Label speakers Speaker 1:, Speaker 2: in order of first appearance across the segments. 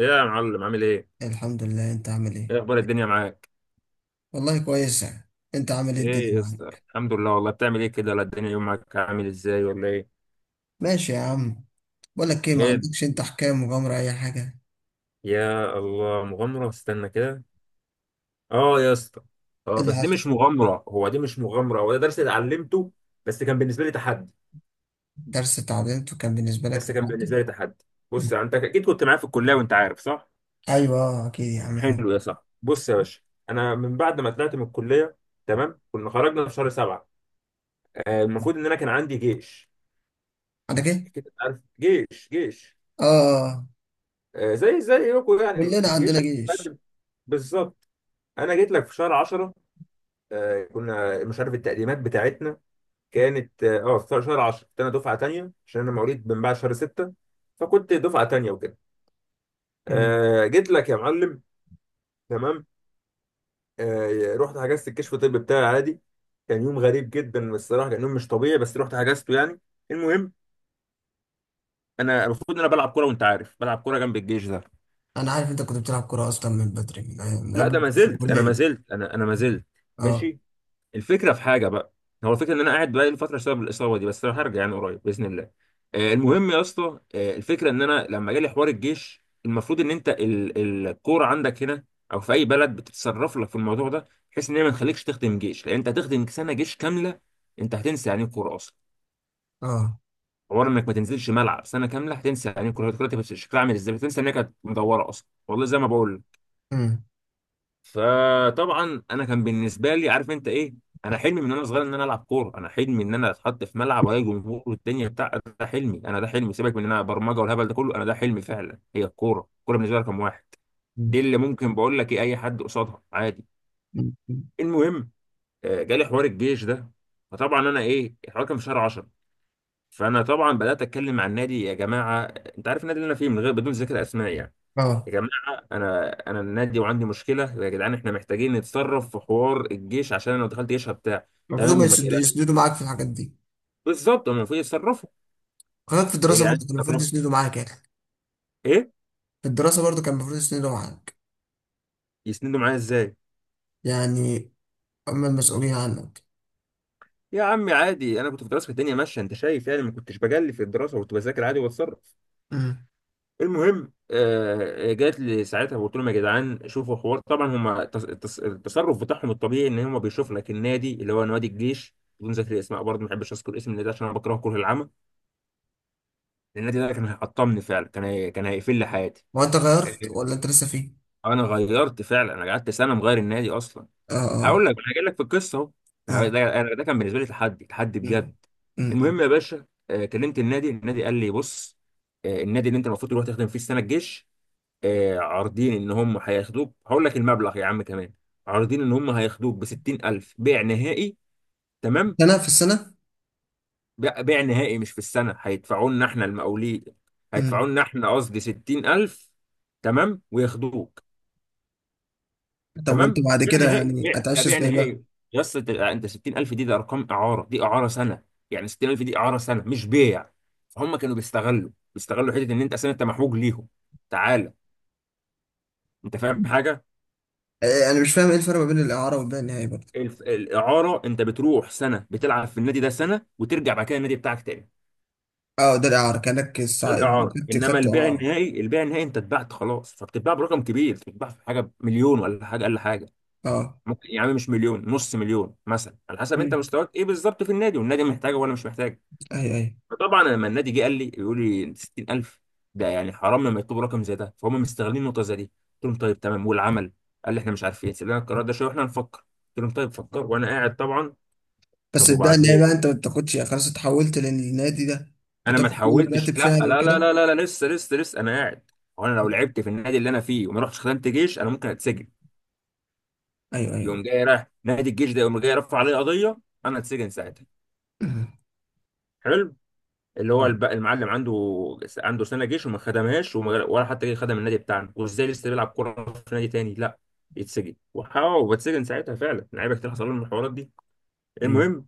Speaker 1: ايه يا معلم، عامل ايه؟
Speaker 2: الحمد لله. انت عامل ايه؟
Speaker 1: ايه اخبار الدنيا معاك؟
Speaker 2: والله كويس يعني. انت عامل ايه الدنيا
Speaker 1: ايه يا اسطى؟
Speaker 2: معاك؟
Speaker 1: الحمد لله والله، بتعمل ايه كده؟ ولا الدنيا يومك عامل ازاي ولا ايه؟
Speaker 2: ماشي يا عم. بقولك ايه، ما
Speaker 1: ايه
Speaker 2: عندكش انت حكاية مغامرة، اي حاجة؟
Speaker 1: يا الله مغامرة، استنى كده. اه يا اسطى، اه
Speaker 2: إيه اللي
Speaker 1: بس دي
Speaker 2: حصل؟
Speaker 1: مش مغامرة، هو ده درس اتعلمته. بس كان بالنسبة لي تحدي.
Speaker 2: درس اتعدلته، كان بالنسبة لك
Speaker 1: بس كان
Speaker 2: تحدي.
Speaker 1: بالنسبة لي تحدي
Speaker 2: مم.
Speaker 1: بص يعني، انت اكيد كنت معايا في الكلية وانت عارف، صح؟
Speaker 2: ايوه، اكيد يا عم احنا.
Speaker 1: حلو يا صاحبي، بص يا باشا. انا من بعد ما طلعت من الكلية، تمام، كنا خرجنا في شهر سبعة. المفروض ان انا كان عندي جيش.
Speaker 2: عندك ايه؟
Speaker 1: اكيد أنت عارف، جيش جيش.
Speaker 2: اه، آه، آه.
Speaker 1: زي يوكو يعني
Speaker 2: كلنا
Speaker 1: الجيش.
Speaker 2: عندنا جيش.
Speaker 1: قدم، بالظبط. انا جيت لك في شهر 10. كنا مش عارف التقديمات بتاعتنا كانت في شهر 10. كنت انا دفعه تانية عشان انا مواليد من بعد شهر 6، فكنت دفعه تانية وكده.
Speaker 2: مم.
Speaker 1: جيت لك يا معلم، تمام. رحت حجزت الكشف الطبي بتاعي عادي. كان يوم غريب جدا الصراحه، كان يوم مش طبيعي، بس رحت حجزته يعني. المهم، انا المفروض ان انا بلعب كوره، وانت عارف بلعب كوره جنب الجيش ده.
Speaker 2: انا عارف انت كنت بتلعب كورة اصلا من بدري، من
Speaker 1: لا،
Speaker 2: قبل
Speaker 1: ده
Speaker 2: ما
Speaker 1: ما
Speaker 2: تخش
Speaker 1: زلت انا ما
Speaker 2: الكلية.
Speaker 1: زلت انا انا ما زلت.
Speaker 2: اه
Speaker 1: ماشي، الفكره في حاجه بقى. هو الفكره ان انا قاعد بقالي فتره بسبب الاصابه دي، بس انا هرجع يعني قريب باذن الله. المهم يا اسطى، الفكره ان انا لما جالي حوار الجيش، المفروض ان انت الكوره عندك هنا او في اي بلد بتتصرف لك في الموضوع ده، بحيث ان هي ما تخليكش تخدم جيش، لان انت هتخدم سنه جيش كامله. انت هتنسى يعني ايه كوره اصلا.
Speaker 2: اه.
Speaker 1: حوار انك ما تنزلش ملعب سنه كامله، هتنسى يعني ايه كوره، هتبقى شكلها عامل ازاي، هتنسى ان هي كانت مدوره اصلا. والله زي ما بقول لك.
Speaker 2: مم.
Speaker 1: فطبعا انا كان بالنسبه لي، عارف انت ايه؟ انا حلمي من وانا صغير ان انا العب كوره. انا حلمي ان انا اتحط في ملعب والاقي جمهور والدنيا بتاع. ده حلمي انا، ده حلمي، سيبك من ان انا برمجه والهبل ده كله، انا ده حلمي فعلا. هي الكوره، الكوره بالنسبه لي رقم واحد.
Speaker 2: مم.
Speaker 1: دي اللي ممكن بقول لك ايه، اي حد قصادها عادي.
Speaker 2: مم.
Speaker 1: المهم، جالي حوار الجيش ده. فطبعا انا ايه، الحوار كان في شهر 10. فانا طبعا بدات اتكلم مع النادي. يا جماعه، انت عارف النادي اللي انا فيه، من غير بدون ذكر اسماء يعني.
Speaker 2: اه،
Speaker 1: يا جماعه، انا النادي وعندي مشكله، يا جدعان احنا محتاجين نتصرف في حوار الجيش، عشان أنا لو دخلت جيش هبتاع.
Speaker 2: المفروض
Speaker 1: تمام
Speaker 2: ما
Speaker 1: وما
Speaker 2: يسد-
Speaker 1: تقلقش،
Speaker 2: يسندوا معاك في الحاجات دي.
Speaker 1: بالظبط هم المفروض يتصرفوا.
Speaker 2: خلاك في
Speaker 1: يا
Speaker 2: الدراسة
Speaker 1: جدعان
Speaker 2: برضه كان المفروض
Speaker 1: يتصرفوا.
Speaker 2: يسندوا معاك يعني.
Speaker 1: ايه،
Speaker 2: في الدراسة برضو كان المفروض يسندوا معاك.
Speaker 1: يسندوا معايا ازاي؟
Speaker 2: يعني هم المسؤولين عنك.
Speaker 1: يا عمي عادي، انا كنت في دراسه الدنيا ماشيه، انت شايف يعني، ما كنتش بجلي في الدراسه، كنت بذاكر عادي وبتصرف.
Speaker 2: مم.
Speaker 1: المهم، جات لي ساعتها وقلت لهم يا جدعان شوفوا حوار. طبعا هم التصرف بتاعهم الطبيعي ان هم بيشوفوا لك النادي اللي هو نوادي الجيش، بدون ذكر اسماء برضه، ما بحبش اذكر اسم النادي عشان انا بكرهه كره العمى. النادي ده كان هيحطمني فعلا، كان هيقفل لي حياتي.
Speaker 2: هو أنت غيرت ولا أنت لسه فيه؟
Speaker 1: انا غيرت فعلا، انا قعدت سنه مغير النادي اصلا.
Speaker 2: آه، آه،
Speaker 1: هقول لك، انا جاي لك في القصه. اهو ده
Speaker 2: آه.
Speaker 1: انا ده كان بالنسبه لي تحدي، تحدي
Speaker 2: مم.
Speaker 1: بجد.
Speaker 2: مم.
Speaker 1: المهم يا باشا، كلمت النادي، النادي قال لي بص، النادي اللي انت المفروض تروح تخدم فيه السنه الجيش، عارضين ان هم هياخدوك، هقول لك المبلغ يا عم كمان، عارضين ان هم هياخدوك ب 60000 بيع نهائي، تمام.
Speaker 2: سنة في السنة؟
Speaker 1: بيع نهائي، مش في السنة، هيدفعوا لنا احنا المقاولين، هيدفعوا
Speaker 2: مم.
Speaker 1: لنا احنا، قصدي 60000، تمام وياخدوك.
Speaker 2: طب وأنت
Speaker 1: تمام،
Speaker 2: بعد
Speaker 1: بيع
Speaker 2: كده
Speaker 1: نهائي،
Speaker 2: يعني
Speaker 1: بيع، ده
Speaker 2: هتعيش
Speaker 1: بيع
Speaker 2: إزاي بقى؟
Speaker 1: نهائي. يا اسطى، انت 60000 دي، ده ارقام اعارة، دي اعارة سنة. يعني 60000 دي اعارة سنة، مش بيع. فهم كانوا بيستغلوا حتة ان انت اصلا انت محوج ليهم. تعالى، انت فاهم حاجة؟
Speaker 2: أنا مش فاهم إيه الفرق ما بين الإعارة والباقي النهائي برضه.
Speaker 1: الإعارة، أنت بتروح سنة، بتلعب في النادي ده سنة، وترجع بعد كده النادي بتاعك تاني.
Speaker 2: أه ده الإعارة، كأنك الساعة يعني
Speaker 1: الاعاره.
Speaker 2: خدت
Speaker 1: انما
Speaker 2: خدت
Speaker 1: البيع
Speaker 2: إعارة.
Speaker 1: النهائي، البيع النهائي، انت اتبعت خلاص، فبتتباع برقم كبير، بتتباع في حاجه مليون ولا حاجه، اقل حاجه
Speaker 2: أه.
Speaker 1: ممكن يا عم، مش مليون، نص مليون مثلا، على حسب انت
Speaker 2: مم.
Speaker 1: مستواك ايه بالظبط في النادي، والنادي محتاجه ولا مش محتاجه.
Speaker 2: أيوه، أيوه.
Speaker 1: فطبعا لما النادي جه قال لي، يقول لي 60000، ده يعني حرام لما يطلبوا رقم زي ده، فهم مستغلين النقطه زي دي. قلت لهم طيب، تمام والعمل. قال لي احنا مش عارفين، سيب لنا القرار ده شويه واحنا نفكر. قلت لهم طيب فكر، وانا قاعد طبعا.
Speaker 2: بس
Speaker 1: طب
Speaker 2: الباقي النهائي
Speaker 1: وبعدين،
Speaker 2: بقى أنت ما بتاخدش؟ يعني خلاص اتحولت للنادي ده،
Speaker 1: انا ما
Speaker 2: بتاخد منه
Speaker 1: اتحولتش،
Speaker 2: راتب
Speaker 1: لا لا
Speaker 2: شهري
Speaker 1: لا
Speaker 2: وكده؟
Speaker 1: لا لا, لا لسه لسه، انا قاعد. هو انا لو
Speaker 2: مم.
Speaker 1: لعبت في النادي اللي انا فيه وما رحتش خدمت جيش، انا ممكن اتسجن.
Speaker 2: أيوه، أيوه.
Speaker 1: يقوم جاي رايح نادي الجيش ده، يقوم جاي رفع عليه قضيه، انا اتسجن ساعتها.
Speaker 2: مم.
Speaker 1: حلو، اللي هو
Speaker 2: أه.
Speaker 1: المعلم عنده، عنده سنه جيش وما خدمهاش، ولا حتى جه خدم النادي بتاعنا، وازاي لسه بيلعب كوره في نادي تاني؟ لا، يتسجن. وحاول، واتسجن ساعتها فعلا لعيبه كتير حصل لهم الحوارات دي. المهم،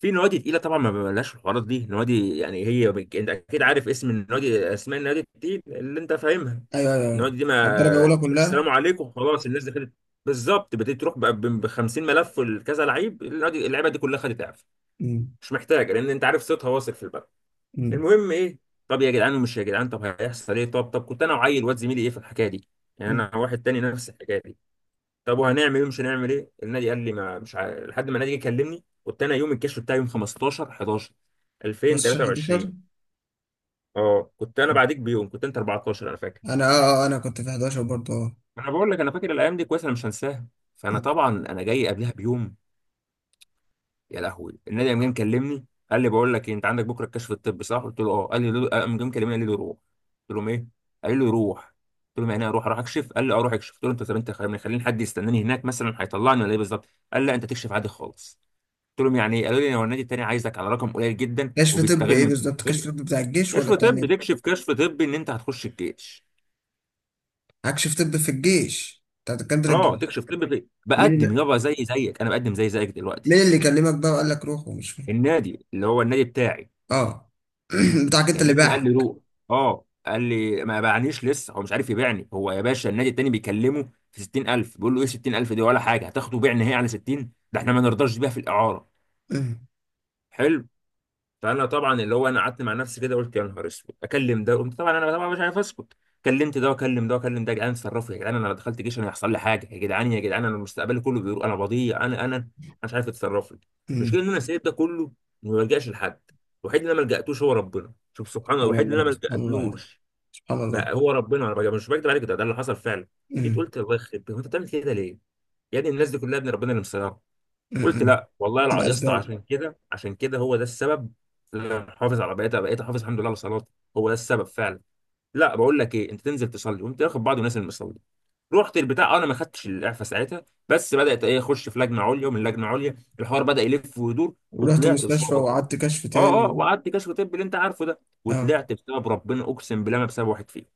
Speaker 1: في نوادي تقيله طبعا، ما ببلاش الحوارات دي، نوادي يعني انت اكيد عارف اسم النوادي، اسماء النوادي دي اللي انت فاهمها.
Speaker 2: ايوه، ايوه، ايوه.
Speaker 1: النوادي دي ما
Speaker 2: الدرجه الاولى
Speaker 1: تقول
Speaker 2: كلها.
Speaker 1: السلام عليكم، خلاص الناس دخلت. بالظبط، بتبتدي تروح بقى ب 50 ملف لكذا لعيب، النادي اللعيبه دي كلها خدت اعفاء،
Speaker 2: مم.
Speaker 1: مش محتاجه، لان انت عارف صوتها واصل في البلد.
Speaker 2: مم.
Speaker 1: المهم ايه، طب يا جدعان، ومش يا جدعان طب، هيحصل ايه؟ طب كنت انا وعيل واد زميلي ايه في الحكايه دي، يعني
Speaker 2: مم.
Speaker 1: انا واحد تاني نفس الحكايه دي. طب وهنعمل ايه، مش هنعمل ايه؟ النادي قال لي ما مش عارف، لحد ما النادي جه كلمني. كنت انا يوم الكشف بتاعي يوم 15 11
Speaker 2: بس 11.
Speaker 1: 2023. اه كنت انا بعديك بيوم، كنت انت 14، انا فاكر.
Speaker 2: انا اه آه، انا كنت في 11 برضه. اه
Speaker 1: انا بقول لك، انا فاكر الايام دي كويس، انا مش هنساها. فانا
Speaker 2: مم.
Speaker 1: طبعا انا جاي قبلها بيوم. يا لهوي، النادي قام جاي مكلمني، قال لي بقول لك إيه، انت عندك بكره الكشف الطبي صح؟ قلت له اه. قال لي قام جاي مكلمني قال لي روح. قلت لهم ايه؟ قال لي روح. قلت لهم يعني ايه اروح، اروح اكشف؟ قال لي اه روح اكشف. قلت له انت، طب انت خليني، خليني حد يستناني هناك مثلا، هيطلعني، ولا ايه بالظبط؟ قال لا، انت تكشف عادي خالص. قلت لهم يعني ايه؟ قالوا لي هو النادي التاني عايزك على رقم قليل جدا
Speaker 2: كشف طب ايه
Speaker 1: وبيستغلوا مش
Speaker 2: بالظبط،
Speaker 1: بيستغلوا.
Speaker 2: كشف طب بتاع الجيش ولا
Speaker 1: كشف
Speaker 2: بتاع النادي؟
Speaker 1: طبي، تكشف كشف طبي ان انت هتخش الجيش.
Speaker 2: كشف طب في الجيش بتاع دكاتره
Speaker 1: اه،
Speaker 2: الجيش.
Speaker 1: تكشف طبي،
Speaker 2: مين
Speaker 1: بقدم
Speaker 2: اللي
Speaker 1: يابا زي زيك، انا بقدم زي زيك دلوقتي.
Speaker 2: مين اللي كلمك بقى وقال لك روح ومش فاهم.
Speaker 1: النادي اللي هو النادي بتاعي
Speaker 2: اه. بتاعك انت اللي
Speaker 1: كلمني قال لي
Speaker 2: باعك.
Speaker 1: روح. اه، قال لي ما باعنيش لسه، هو مش عارف يبيعني. هو يا باشا، النادي التاني بيكلمه في 60000، بيقول له ايه 60000 دي ولا حاجه، هتاخده بيع نهائي على 60؟ ده احنا ما نرضاش بيها في الاعاره.
Speaker 2: مم.
Speaker 1: حلو. فانا طبعا اللي هو، انا قعدت مع نفسي كده، قلت يا نهار اسود، اكلم ده، قمت طبعا انا طبعا مش عارف اسكت، كلمت ده وكلم ده وكلم ده. يا جدعان اتصرفوا، يا جدعان انا لو دخلت جيش انا هيحصل لي حاجه، يا جدعان يا جدعان انا مستقبلي كله بيقول انا بضيع، انا مش عارف اتصرف لي.
Speaker 2: مم.
Speaker 1: المشكله ان انا سايب ده كله، وما بلجاش لحد. الوحيد اللي انا ما لجأتوش هو ربنا. شوف سبحان الله،
Speaker 2: سبحان
Speaker 1: الوحيد اللي انا
Speaker 2: الله،
Speaker 1: ما
Speaker 2: سبحان الله.
Speaker 1: لجأتلوش
Speaker 2: سبحان الله.
Speaker 1: ما هو ربنا. انا مش بكدب عليك، ده اللي حصل فعلا. جيت
Speaker 2: مم.
Speaker 1: قلت، الله يخرب بيت، هو انت بتعمل كده ليه؟ يا ابني الناس دي كلها، ابن ربنا اللي مسيطر.
Speaker 2: مم.
Speaker 1: قلت
Speaker 2: مم.
Speaker 1: لا والله، يا اسطى
Speaker 2: بأسباب.
Speaker 1: عشان كده، هو ده السبب اللي انا حافظ على بقيت بقيت حافظ الحمد لله على صلاتي. هو ده السبب فعلا. لا بقول لك ايه، انت تنزل تصلي، وانت واخد بعض ونازل مصلي. رحت البتاع، أه، انا ما خدتش الاعفاء ساعتها، بس بدات ايه، اخش في لجنه عليا، ومن لجنه عليا الحوار بدا يلف ويدور،
Speaker 2: ورحت
Speaker 1: وطلعت
Speaker 2: المستشفى
Speaker 1: بسبب ربنا.
Speaker 2: وقعدت كشف تاني
Speaker 1: اه
Speaker 2: و...
Speaker 1: وقعدت كشف طب اللي انت عارفه ده،
Speaker 2: اه.
Speaker 1: وطلعت بسبب ربنا، اقسم بالله، ما بسبب واحد فيهم.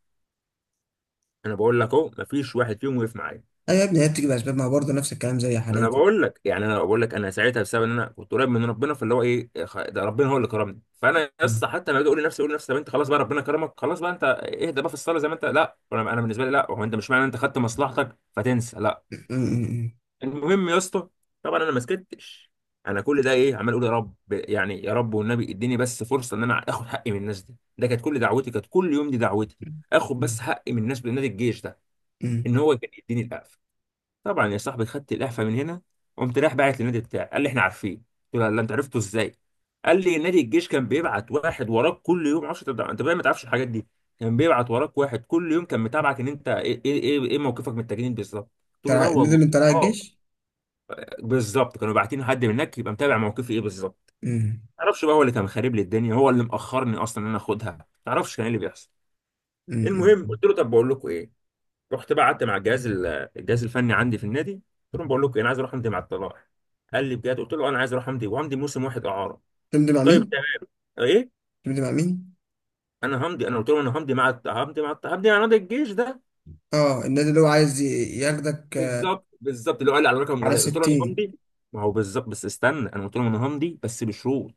Speaker 1: انا بقول لك اهو، ما فيش واحد فيهم وقف معايا.
Speaker 2: ايوه يا ابني، هي بتيجي بأسباب، ما هو برضه نفس الكلام زي
Speaker 1: ما انا
Speaker 2: حالاتي.
Speaker 1: بقول لك يعني، انا بقول لك، انا ساعتها بسبب ان انا كنت قريب من ربنا، فاللي هو ايه ده ربنا هو اللي كرمني. فانا يا اسطى حتى لما اجي اقول لنفسي طب انت خلاص بقى، ربنا كرمك خلاص بقى، انت اهدى بقى في الصلاه زي ما انت، لا، أنا بالنسبه لي لا، هو انت مش معنى انت خدت مصلحتك فتنسى، لا.
Speaker 2: أمم،
Speaker 1: المهم يا اسطى، طبعا انا ما سكتش، انا كل ده ايه، عمال اقول يا رب، يعني يا رب والنبي اديني بس فرصه ان انا اخد حقي من الناس دي. ده كانت كل دعوتي، كانت كل يوم دي دعوتي، اخد
Speaker 2: أمم،
Speaker 1: بس حقي من الناس بنادي الجيش ده
Speaker 2: أمم.
Speaker 1: ان هو كان يديني القفل. طبعا يا صاحبي، خدت الاعفاء من هنا، قمت رايح باعت للنادي بتاعي. قال لي احنا عارفين. قلت له لا، انت عرفته ازاي؟ قال لي نادي الجيش كان بيبعت واحد وراك كل يوم، معرفش، انت انت بقى ما تعرفش الحاجات دي، كان بيبعت وراك واحد كل يوم، كان متابعك ان انت إيه موقفك من التجنيد بالظبط. قلت له لا
Speaker 2: طلع نزل
Speaker 1: والله.
Speaker 2: من طلائع
Speaker 1: اه،
Speaker 2: الجيش.
Speaker 1: بالظبط، كانوا باعتين حد من هناك يبقى متابع موقفي ايه بالظبط.
Speaker 2: أمم،
Speaker 1: ما اعرفش بقى، هو اللي كان خارب لي الدنيا، هو اللي مأخرني اصلا ان انا اخدها. ما اعرفش كان ايه اللي بيحصل.
Speaker 2: أمم،
Speaker 1: المهم،
Speaker 2: أمم.
Speaker 1: قلت له طب بقول لكم ايه، رحت بقى قعدت مع الجهاز الجهاز الفني عندي في النادي، قلت لهم بقول لكم انا عايز اروح امضي مع الطلائع. قال لي بجد؟ قلت له انا عايز اروح امضي، وامضي موسم واحد اعاره.
Speaker 2: تمضي مع
Speaker 1: طيب
Speaker 2: مين؟
Speaker 1: تمام. ايه،
Speaker 2: تمضي مع مين؟
Speaker 1: انا همضي، انا قلت له انا همضي مع همضي مع همضي مع نادي الجيش ده.
Speaker 2: اه النادي اللي هو عايز ياخدك .
Speaker 1: بالظبط، بالظبط، اللي هو قال لي على رقم
Speaker 2: على
Speaker 1: ولاد. قلت له انا
Speaker 2: ستين؟
Speaker 1: همضي، ما هو بالظبط، بس استنى، انا قلت لهم انا همضي بس بشروط.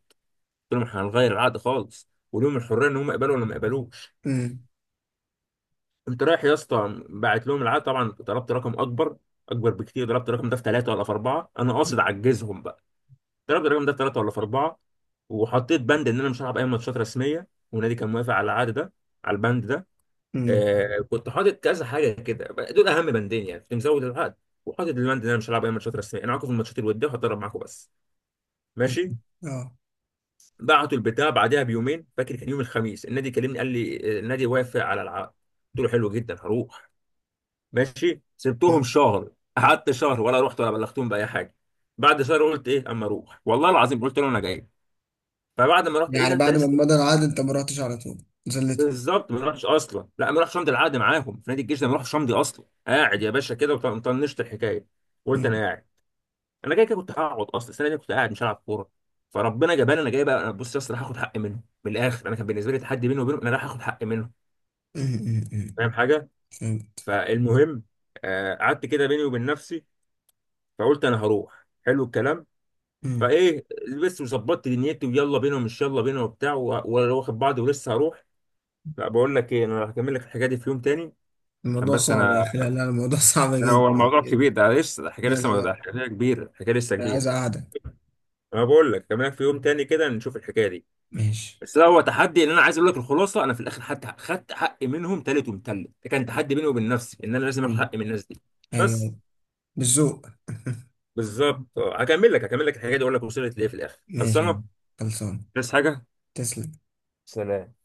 Speaker 1: قلت لهم احنا هنغير العقد خالص، ولهم الحريه ان هم يقبلوا ولا ما يقبلوش.
Speaker 2: أمم،
Speaker 1: قمت رايح يا اسطى، باعت لهم العقد، طبعا طلبت رقم اكبر، اكبر بكتير، ضربت الرقم ده في ثلاثه ولا في اربعه، انا قاصد
Speaker 2: أمم،
Speaker 1: اعجزهم. ضربت الرقم ده في ثلاثه ولا في اربعه، وحطيت بند ان انا مش هلعب اي ماتشات رسميه، والنادي كان موافق على العقد ده، على البند ده.
Speaker 2: أمم،
Speaker 1: كنت حاطط كذا حاجه كده، دول اهم بندين يعني، كنت مزود العقد، وحاطط البند ان انا مش هلعب اي ماتشات رسميه، انا معاكم في الماتشات الوديه، وهتدرب معاكم بس،
Speaker 2: أمم.
Speaker 1: ماشي.
Speaker 2: اه.
Speaker 1: بعتوا البتاع بعدها بيومين، فاكر كان يوم الخميس، النادي كلمني قال لي النادي وافق على العقد. قلت له حلو جدا، هروح. ماشي
Speaker 2: أمم.
Speaker 1: سبتهم شهر، قعدت شهر ولا رحت ولا بلغتهم باي حاجه. بعد شهر قلت ايه، اما اروح، والله العظيم قلت له انا جاي. فبعد ما رحت، ايه ده
Speaker 2: يعني
Speaker 1: انت
Speaker 2: بعد ما
Speaker 1: لسه،
Speaker 2: مضى العقد انت ما رحتش على طول زلته؟
Speaker 1: بالظبط، ما راحش اصلا، لا، ما راحش امضي العقد معاهم في نادي الجيش ده، ما راحش امضي اصلا، قاعد يا باشا كده وطنشت الحكايه. قلت انا
Speaker 2: أمم،
Speaker 1: قاعد، انا جاي كده كنت هقعد اصلا، السنه دي كنت قاعد مش هلعب كوره، فربنا جباني انا جاي بقى. انا بص يا اسطى، راح اخد حقي منه من الاخر، انا كان بالنسبه لي تحدي بيني وبينه، انا راح اخد حقي منه.
Speaker 2: أمم، أمم،
Speaker 1: فاهم
Speaker 2: أمم.
Speaker 1: حاجه؟
Speaker 2: فهمت.
Speaker 1: فالمهم، قعدت كده بيني وبين نفسي، فقلت انا هروح. حلو الكلام.
Speaker 2: أمم.
Speaker 1: فايه، لبست وظبطت دنيتي، ويلا بينا، ومش يلا بينا، وبتاع، وواخد بعضي ولسه هروح. لا بقول لك ايه، انا هكمل لك الحكايه دي في يوم تاني، عشان
Speaker 2: الموضوع
Speaker 1: بس
Speaker 2: صعب يا
Speaker 1: انا،
Speaker 2: اخي، لا لا، الموضوع صعب
Speaker 1: ده هو
Speaker 2: جدا
Speaker 1: الموضوع
Speaker 2: جدا.
Speaker 1: كبير، ده لسه ده حكايه،
Speaker 2: لا لا
Speaker 1: لسه ده
Speaker 2: لا.
Speaker 1: حكايه كبيره، حكايه لسه
Speaker 2: انا
Speaker 1: كبيره.
Speaker 2: عايز اقعدك.
Speaker 1: انا بقول لك كمان في يوم تاني كده نشوف الحكايه دي.
Speaker 2: ماشي.
Speaker 1: بس ده هو تحدي، ان انا عايز اقول لك الخلاصه، انا في الاخر حتى خدت حقي منهم تالت ومتلت، ده كان تحدي بيني وبين نفسي ان انا لازم اخد
Speaker 2: أمم.
Speaker 1: حقي من الناس دي. بس،
Speaker 2: ايوه. بالذوق
Speaker 1: بالظبط. هكمل لك، الحكايه دي، اقول لك وصلت لايه في الاخر،
Speaker 2: ماشي يا
Speaker 1: خلصانه.
Speaker 2: عم. خلصان.
Speaker 1: بس حاجه،
Speaker 2: تسلم.
Speaker 1: سلام.